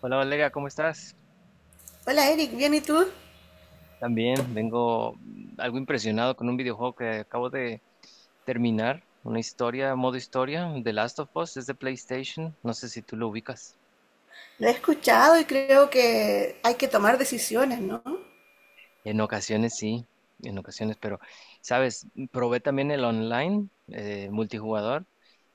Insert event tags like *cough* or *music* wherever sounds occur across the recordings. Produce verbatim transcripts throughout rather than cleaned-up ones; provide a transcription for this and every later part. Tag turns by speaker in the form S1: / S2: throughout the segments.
S1: Hola Valeria, ¿cómo estás?
S2: Hola Eric, bien, ¿y tú?
S1: También vengo mm, algo impresionado con un videojuego que acabo de terminar, una historia, modo historia, The Last of Us, es de PlayStation, no sé si tú lo ubicas.
S2: Lo he escuchado y creo que hay que tomar decisiones, ¿no?
S1: En ocasiones sí, en ocasiones, pero, sabes, probé también el online, eh, multijugador,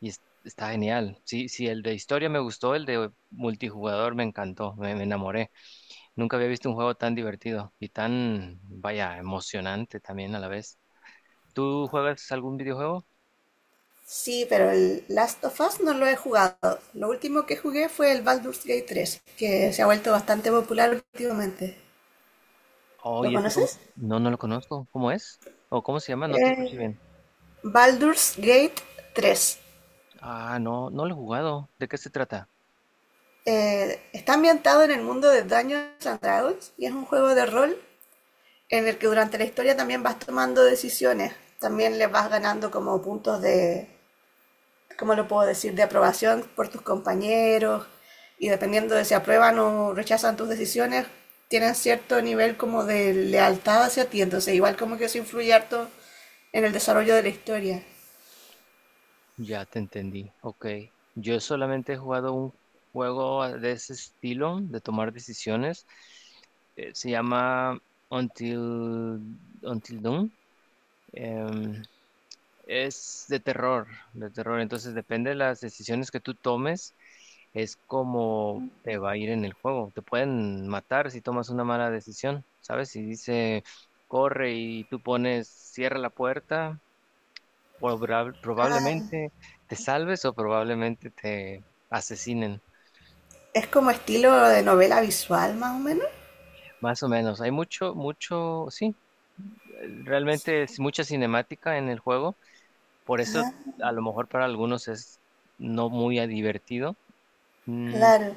S1: y es- está genial. Sí, sí, el de historia me gustó, el de multijugador me encantó, me, me enamoré. Nunca había visto un juego tan divertido y tan, vaya, emocionante también a la vez. ¿Tú juegas algún videojuego?
S2: Sí, pero el Last of Us no lo he jugado. Lo último que jugué fue el Baldur's Gate tres, que se ha vuelto bastante popular últimamente.
S1: Oh,
S2: ¿Lo
S1: ¿y ese cómo?
S2: conoces?
S1: No, no lo conozco. ¿Cómo es? ¿O cómo se llama? No te escuché
S2: Eh,
S1: bien.
S2: Baldur's Gate tres.
S1: Ah, no, no lo he jugado. ¿De qué se trata?
S2: Eh, está ambientado en el mundo de Dungeons and Dragons y es un juego de rol en el que durante la historia también vas tomando decisiones. También le vas ganando como puntos de, ¿cómo lo puedo decir?, de aprobación por tus compañeros y dependiendo de si aprueban o rechazan tus decisiones, tienen cierto nivel como de lealtad hacia ti. Entonces, igual como que eso influye harto en el desarrollo de la historia.
S1: Ya te entendí. Ok. Yo solamente he jugado un juego ah, de ese estilo, de tomar decisiones. Eh, se llama Until, Until Dawn. Em, Es de terror, de terror. Entonces depende de las decisiones que tú tomes, es como te va a ir en el juego. Te pueden matar si tomas una mala decisión, ¿sabes? Si dice corre y tú pones cierra la puerta, probab- probablemente te salves o probablemente te asesinen.
S2: Es como estilo de novela visual, más o menos.
S1: Más o menos. Hay mucho, mucho, sí, realmente es mucha cinemática en el juego. Por eso a lo mejor para algunos es no muy divertido. Mm.
S2: Claro.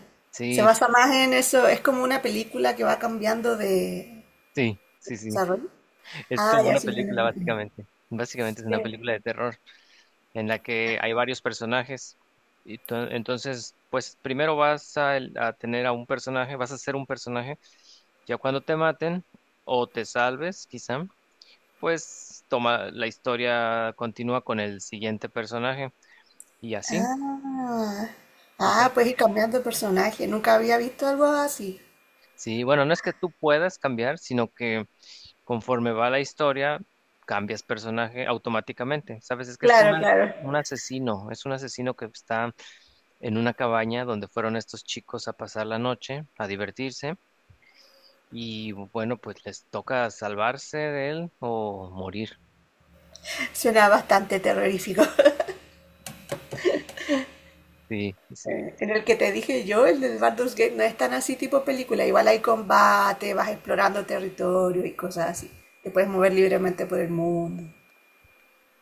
S2: Se
S1: Sí,
S2: basa más en eso. Es como una película que va cambiando de
S1: sí, sí, sí.
S2: desarrollo.
S1: Es
S2: Ah,
S1: como
S2: ya
S1: una
S2: sí me lo
S1: película,
S2: imagino.
S1: básicamente. Básicamente es una película de terror en la que hay varios personajes. Y to- entonces, pues primero vas a, el- a tener a un personaje, vas a ser un personaje. Ya cuando te maten o te salves, quizá, pues toma la historia, continúa con el siguiente personaje y así.
S2: Ah, ah, pues ir cambiando de personaje. Nunca había visto algo así.
S1: Sí, bueno, no es que tú puedas cambiar, sino que conforme va la historia, cambias personaje automáticamente. Sabes, es que es
S2: Claro,
S1: una,
S2: claro.
S1: un asesino, es un asesino que está en una cabaña donde fueron estos chicos a pasar la noche, a divertirse, y bueno, pues les toca salvarse de él o morir.
S2: Suena bastante terrorífico.
S1: Sí, sí,
S2: *laughs* En el que te dije yo, el del Baldur's Gate, no es tan así tipo película. Igual hay combate, vas explorando territorio y cosas así. Te puedes mover libremente por el mundo. *laughs*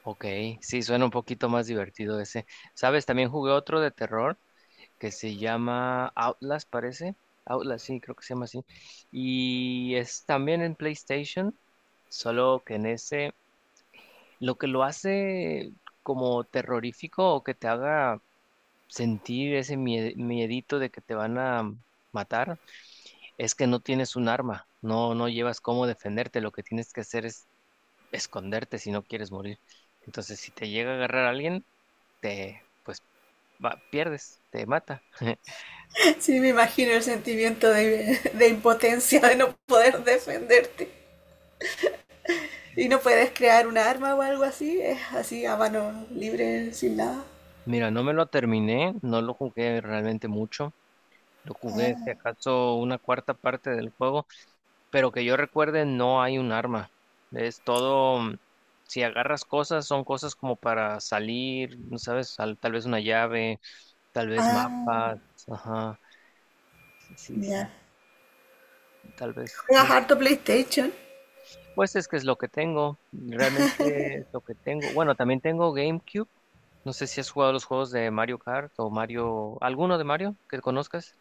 S1: ok, sí, suena un poquito más divertido ese. Sabes, también jugué otro de terror que se llama Outlast, parece. Outlast, sí, creo que se llama así. Y es también en PlayStation, solo que en ese, lo que lo hace como terrorífico o que te haga sentir ese mie- miedito de que te van a matar, es que no tienes un arma, no, no llevas cómo defenderte, lo que tienes que hacer es esconderte si no quieres morir. Entonces, si te llega a agarrar alguien, te, pues, va- pierdes, te mata. *laughs*
S2: Sí, me imagino el sentimiento de, de impotencia, de no poder defenderte. Y no puedes crear un arma o algo así, es así a mano libre, sin nada.
S1: Mira, no me lo terminé, no lo jugué realmente mucho. Lo jugué, si
S2: Ah,
S1: acaso, una cuarta parte del juego, pero que yo recuerde, no hay un arma. Es todo, mm, si agarras cosas, son cosas como para salir, ¿no? ¿Sabes? Tal, tal vez una llave, tal vez
S2: ah,
S1: mapas, ajá, sí, sí,
S2: ya.
S1: sí, tal vez,
S2: ¿Juegas
S1: no.
S2: harto PlayStation?
S1: Pues es que es lo que tengo, realmente es lo que tengo. Bueno, también tengo GameCube. No sé si has jugado los juegos de Mario Kart o Mario, alguno de Mario que conozcas.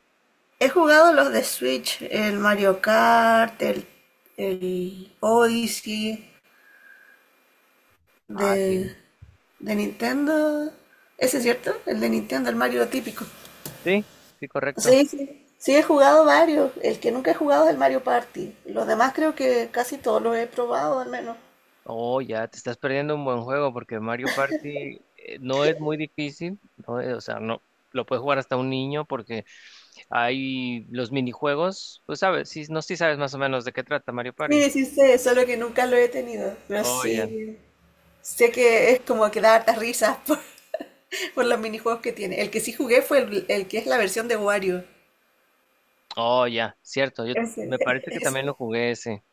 S2: He jugado los de Switch, el Mario Kart, el, el Odyssey
S1: Ah, sí.
S2: de, de Nintendo. ¿Ese es cierto? El de Nintendo, el Mario típico.
S1: Sí, sí, correcto.
S2: Sí, sí, sí, he jugado varios. El que nunca he jugado es el Mario Party. Los demás creo que casi todos los he probado, al menos.
S1: Oh, ya te estás perdiendo un buen juego porque Mario Party eh, no es muy difícil, no es- o sea, no lo puede jugar hasta un niño porque hay los minijuegos, pues sabes, sí, no sé si sabes más o menos de qué trata Mario Party.
S2: Sí, sí sé, solo que nunca lo he tenido. Pero
S1: Oh, ya.
S2: sí, sé que es como que da hartas risas por, *laughs* por los minijuegos que tiene. El que sí jugué fue el, el que es la versión de Wario.
S1: Oh, ya, cierto, yo
S2: Ese,
S1: me parece que también lo jugué ese.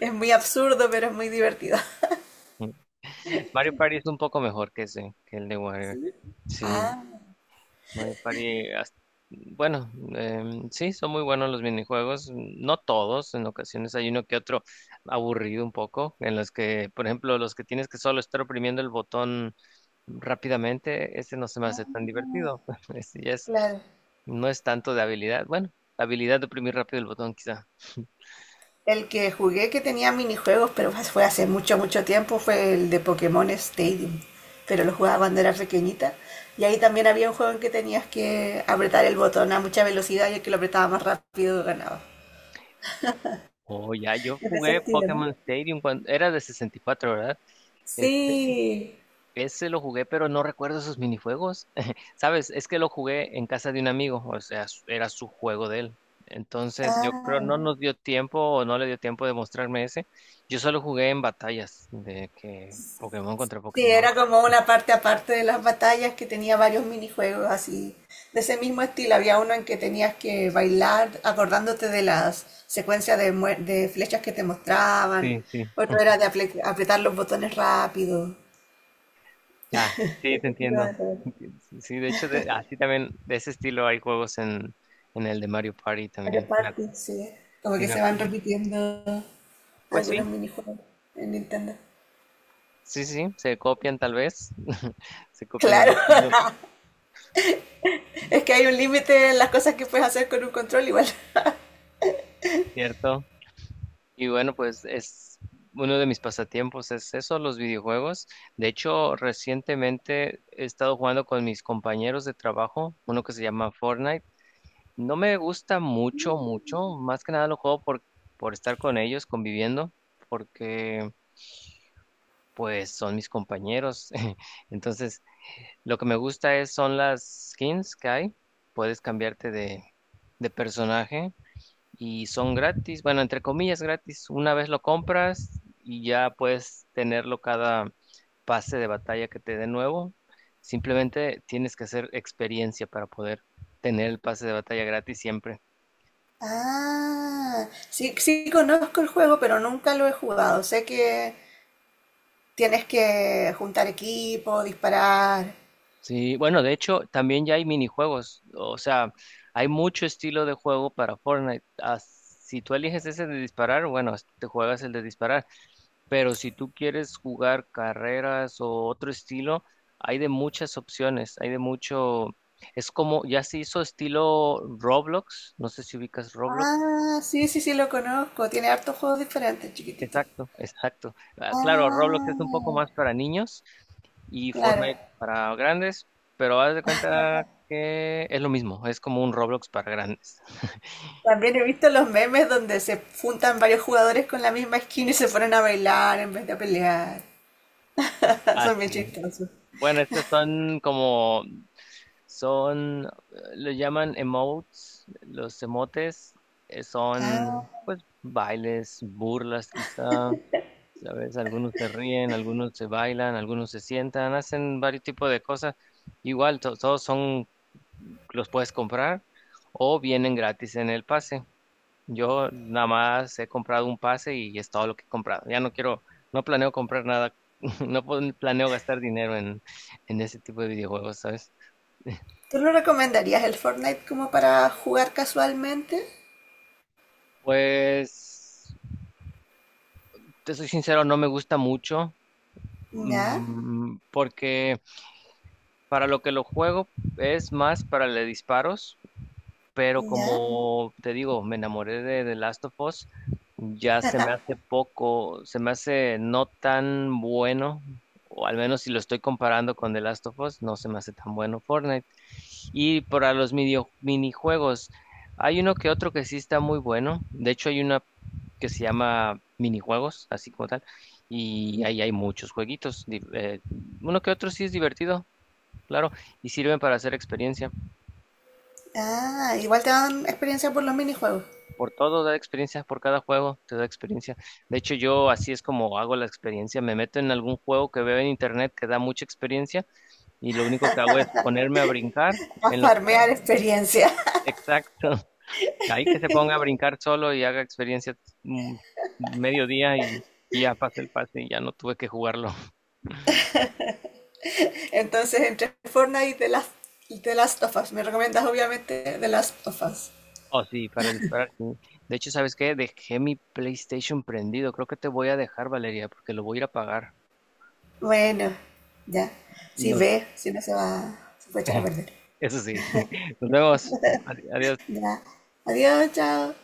S2: es muy absurdo, pero es muy divertido. *laughs*
S1: Mm. Mario Party es un poco mejor que ese, que el de Warrior. Sí.
S2: Ah,
S1: Mario Party, hasta- bueno, em, sí, son muy buenos los minijuegos, no todos, en ocasiones hay uno que otro aburrido un poco, en los que, por ejemplo, los que tienes que solo estar oprimiendo el botón rápidamente, ese no se me hace tan divertido, *laughs* ese ya es,
S2: claro.
S1: no es tanto de habilidad, bueno, habilidad de oprimir rápido el botón quizá.
S2: El que jugué que tenía minijuegos, pero fue hace mucho, mucho tiempo, fue el de Pokémon Stadium. Pero lo jugaba cuando era pequeñita. Y ahí también había un juego en que tenías que apretar el botón a mucha velocidad y el que lo apretaba más rápido ganaba.
S1: Oh, ya, yo
S2: Es de ese
S1: jugué
S2: estilo, ¿no?
S1: Pokémon Stadium cuando era de sesenta y cuatro, ¿verdad?
S2: Sí.
S1: Ese lo jugué, pero no recuerdo esos minijuegos. *laughs* ¿Sabes? Es que lo jugué en casa de un amigo, o sea, su- era su juego de él. Entonces, yo creo no
S2: Ah,
S1: nos dio tiempo o no le dio tiempo de mostrarme ese. Yo solo jugué en batallas de que Pokémon contra
S2: sí,
S1: Pokémon.
S2: era como una parte aparte de las batallas que tenía varios minijuegos así, de ese mismo estilo. Había uno en que tenías que bailar acordándote de las secuencias de, mue- de flechas que te mostraban.
S1: Sí, sí.
S2: Otro era de aple- apretar los botones rápido.
S1: Ya, sí, te
S2: Ese estilo
S1: entiendo.
S2: de juego.
S1: *laughs* Sí, de hecho, de- así también, de ese estilo hay juegos en, en, el de Mario Party
S2: Mario
S1: también. Me
S2: Party,
S1: acu-
S2: sí. Como
S1: sí,
S2: que
S1: me
S2: se van
S1: acuerdo.
S2: repitiendo
S1: Pues
S2: algunos
S1: sí,
S2: minijuegos en Nintendo.
S1: sí, sí, se copian tal vez, *laughs* se copian el
S2: Claro,
S1: estilo,
S2: *laughs* es que hay un límite en las cosas que puedes hacer con un control igual.
S1: ¿cierto? Y bueno, pues es uno de mis pasatiempos, es eso, los videojuegos. De hecho, recientemente he estado jugando con mis compañeros de trabajo, uno que se llama Fortnite. No me gusta mucho, mucho, más que nada lo juego por, por, estar con ellos, conviviendo, porque pues son mis compañeros. *laughs* Entonces, lo que me gusta es son las skins que hay. Puedes cambiarte de, de personaje y son gratis, bueno, entre comillas gratis. Una vez lo compras y ya puedes tenerlo cada pase de batalla que te dé nuevo. Simplemente tienes que hacer experiencia para poder tener el pase de batalla gratis siempre.
S2: Ah, sí, sí conozco el juego, pero nunca lo he jugado. Sé que tienes que juntar equipo, disparar.
S1: Sí, bueno, de hecho, también ya hay minijuegos. O sea, hay mucho estilo de juego para Fortnite. Ah, si tú eliges ese de disparar, bueno, te juegas el de disparar. Pero si tú quieres jugar carreras o otro estilo, hay de muchas opciones, hay de mucho. Es como, ya se hizo estilo Roblox, no sé si ubicas Roblox.
S2: Ah, sí, sí, sí, lo conozco. Tiene hartos juegos diferentes, chiquitito.
S1: Exacto, exacto. Ah, claro, Roblox es un poco
S2: Ah,
S1: más para niños y
S2: claro.
S1: Fortnite para grandes, pero haz de cuenta que es lo mismo, es como un Roblox para grandes.
S2: También he visto los memes donde se juntan varios jugadores con la misma skin y se ponen a bailar en vez de a pelear. *laughs*
S1: Ah,
S2: Son bien
S1: sí.
S2: chistosos.
S1: Bueno, estas son como, son, eh, lo llaman emotes, los emotes, eh,
S2: Ah,
S1: son pues bailes, burlas quizá, ¿sabes? Algunos se ríen, algunos se bailan, algunos se sientan, hacen varios tipos de cosas. Igual, to- todos son, los puedes comprar o vienen gratis en el pase. Yo nada más he comprado un pase y es todo lo que he comprado. Ya no quiero, no planeo comprar nada, *laughs* no pon- planeo gastar dinero en, en, ese tipo de videojuegos, ¿sabes?
S2: ¿tú lo recomendarías el Fortnite como para jugar casualmente?
S1: Pues, te soy sincero, no me gusta mucho,
S2: No,
S1: mm, porque para lo que lo juego es más para le disparos. Pero
S2: no.
S1: como te digo, me enamoré de The Last of Us, ya se me hace poco, se me hace no tan bueno, o al menos si lo estoy comparando con The Last of Us, no se me hace tan bueno Fortnite. Y para los midio- minijuegos, hay uno que otro que sí está muy bueno, de hecho hay una que se llama minijuegos, así como tal, y ahí hay muchos jueguitos, di- eh, uno que otro sí es divertido, claro, y sirven para hacer experiencia.
S2: Ah, igual te dan experiencia por los minijuegos.
S1: Por todo da experiencia, por cada juego te da experiencia. De hecho, yo así es como hago la experiencia. Me meto en algún juego que veo en internet que da mucha experiencia y lo único que hago es ponerme a brincar
S2: A
S1: en lo que...
S2: farmear experiencia.
S1: Exacto. *laughs* Ahí que se ponga a brincar solo y haga experiencia mm, mediodía y, y, ya pasé el pase y ya no tuve que jugarlo. *laughs*
S2: *laughs* Entonces, entre Fortnite y The Last, y The Last of Us. Me recomiendas obviamente The Last of Us.
S1: Oh, sí, para disparar. Sí. De hecho, ¿sabes qué? Dejé mi PlayStation prendido. Creo que te voy a dejar, Valeria, porque lo voy a ir a apagar.
S2: Bueno, ya. Si
S1: No,
S2: ve, si no se va, se puede echar a perder.
S1: eso sí. *laughs* Nos vemos. Adi- Adiós.
S2: Ya. Adiós, chao.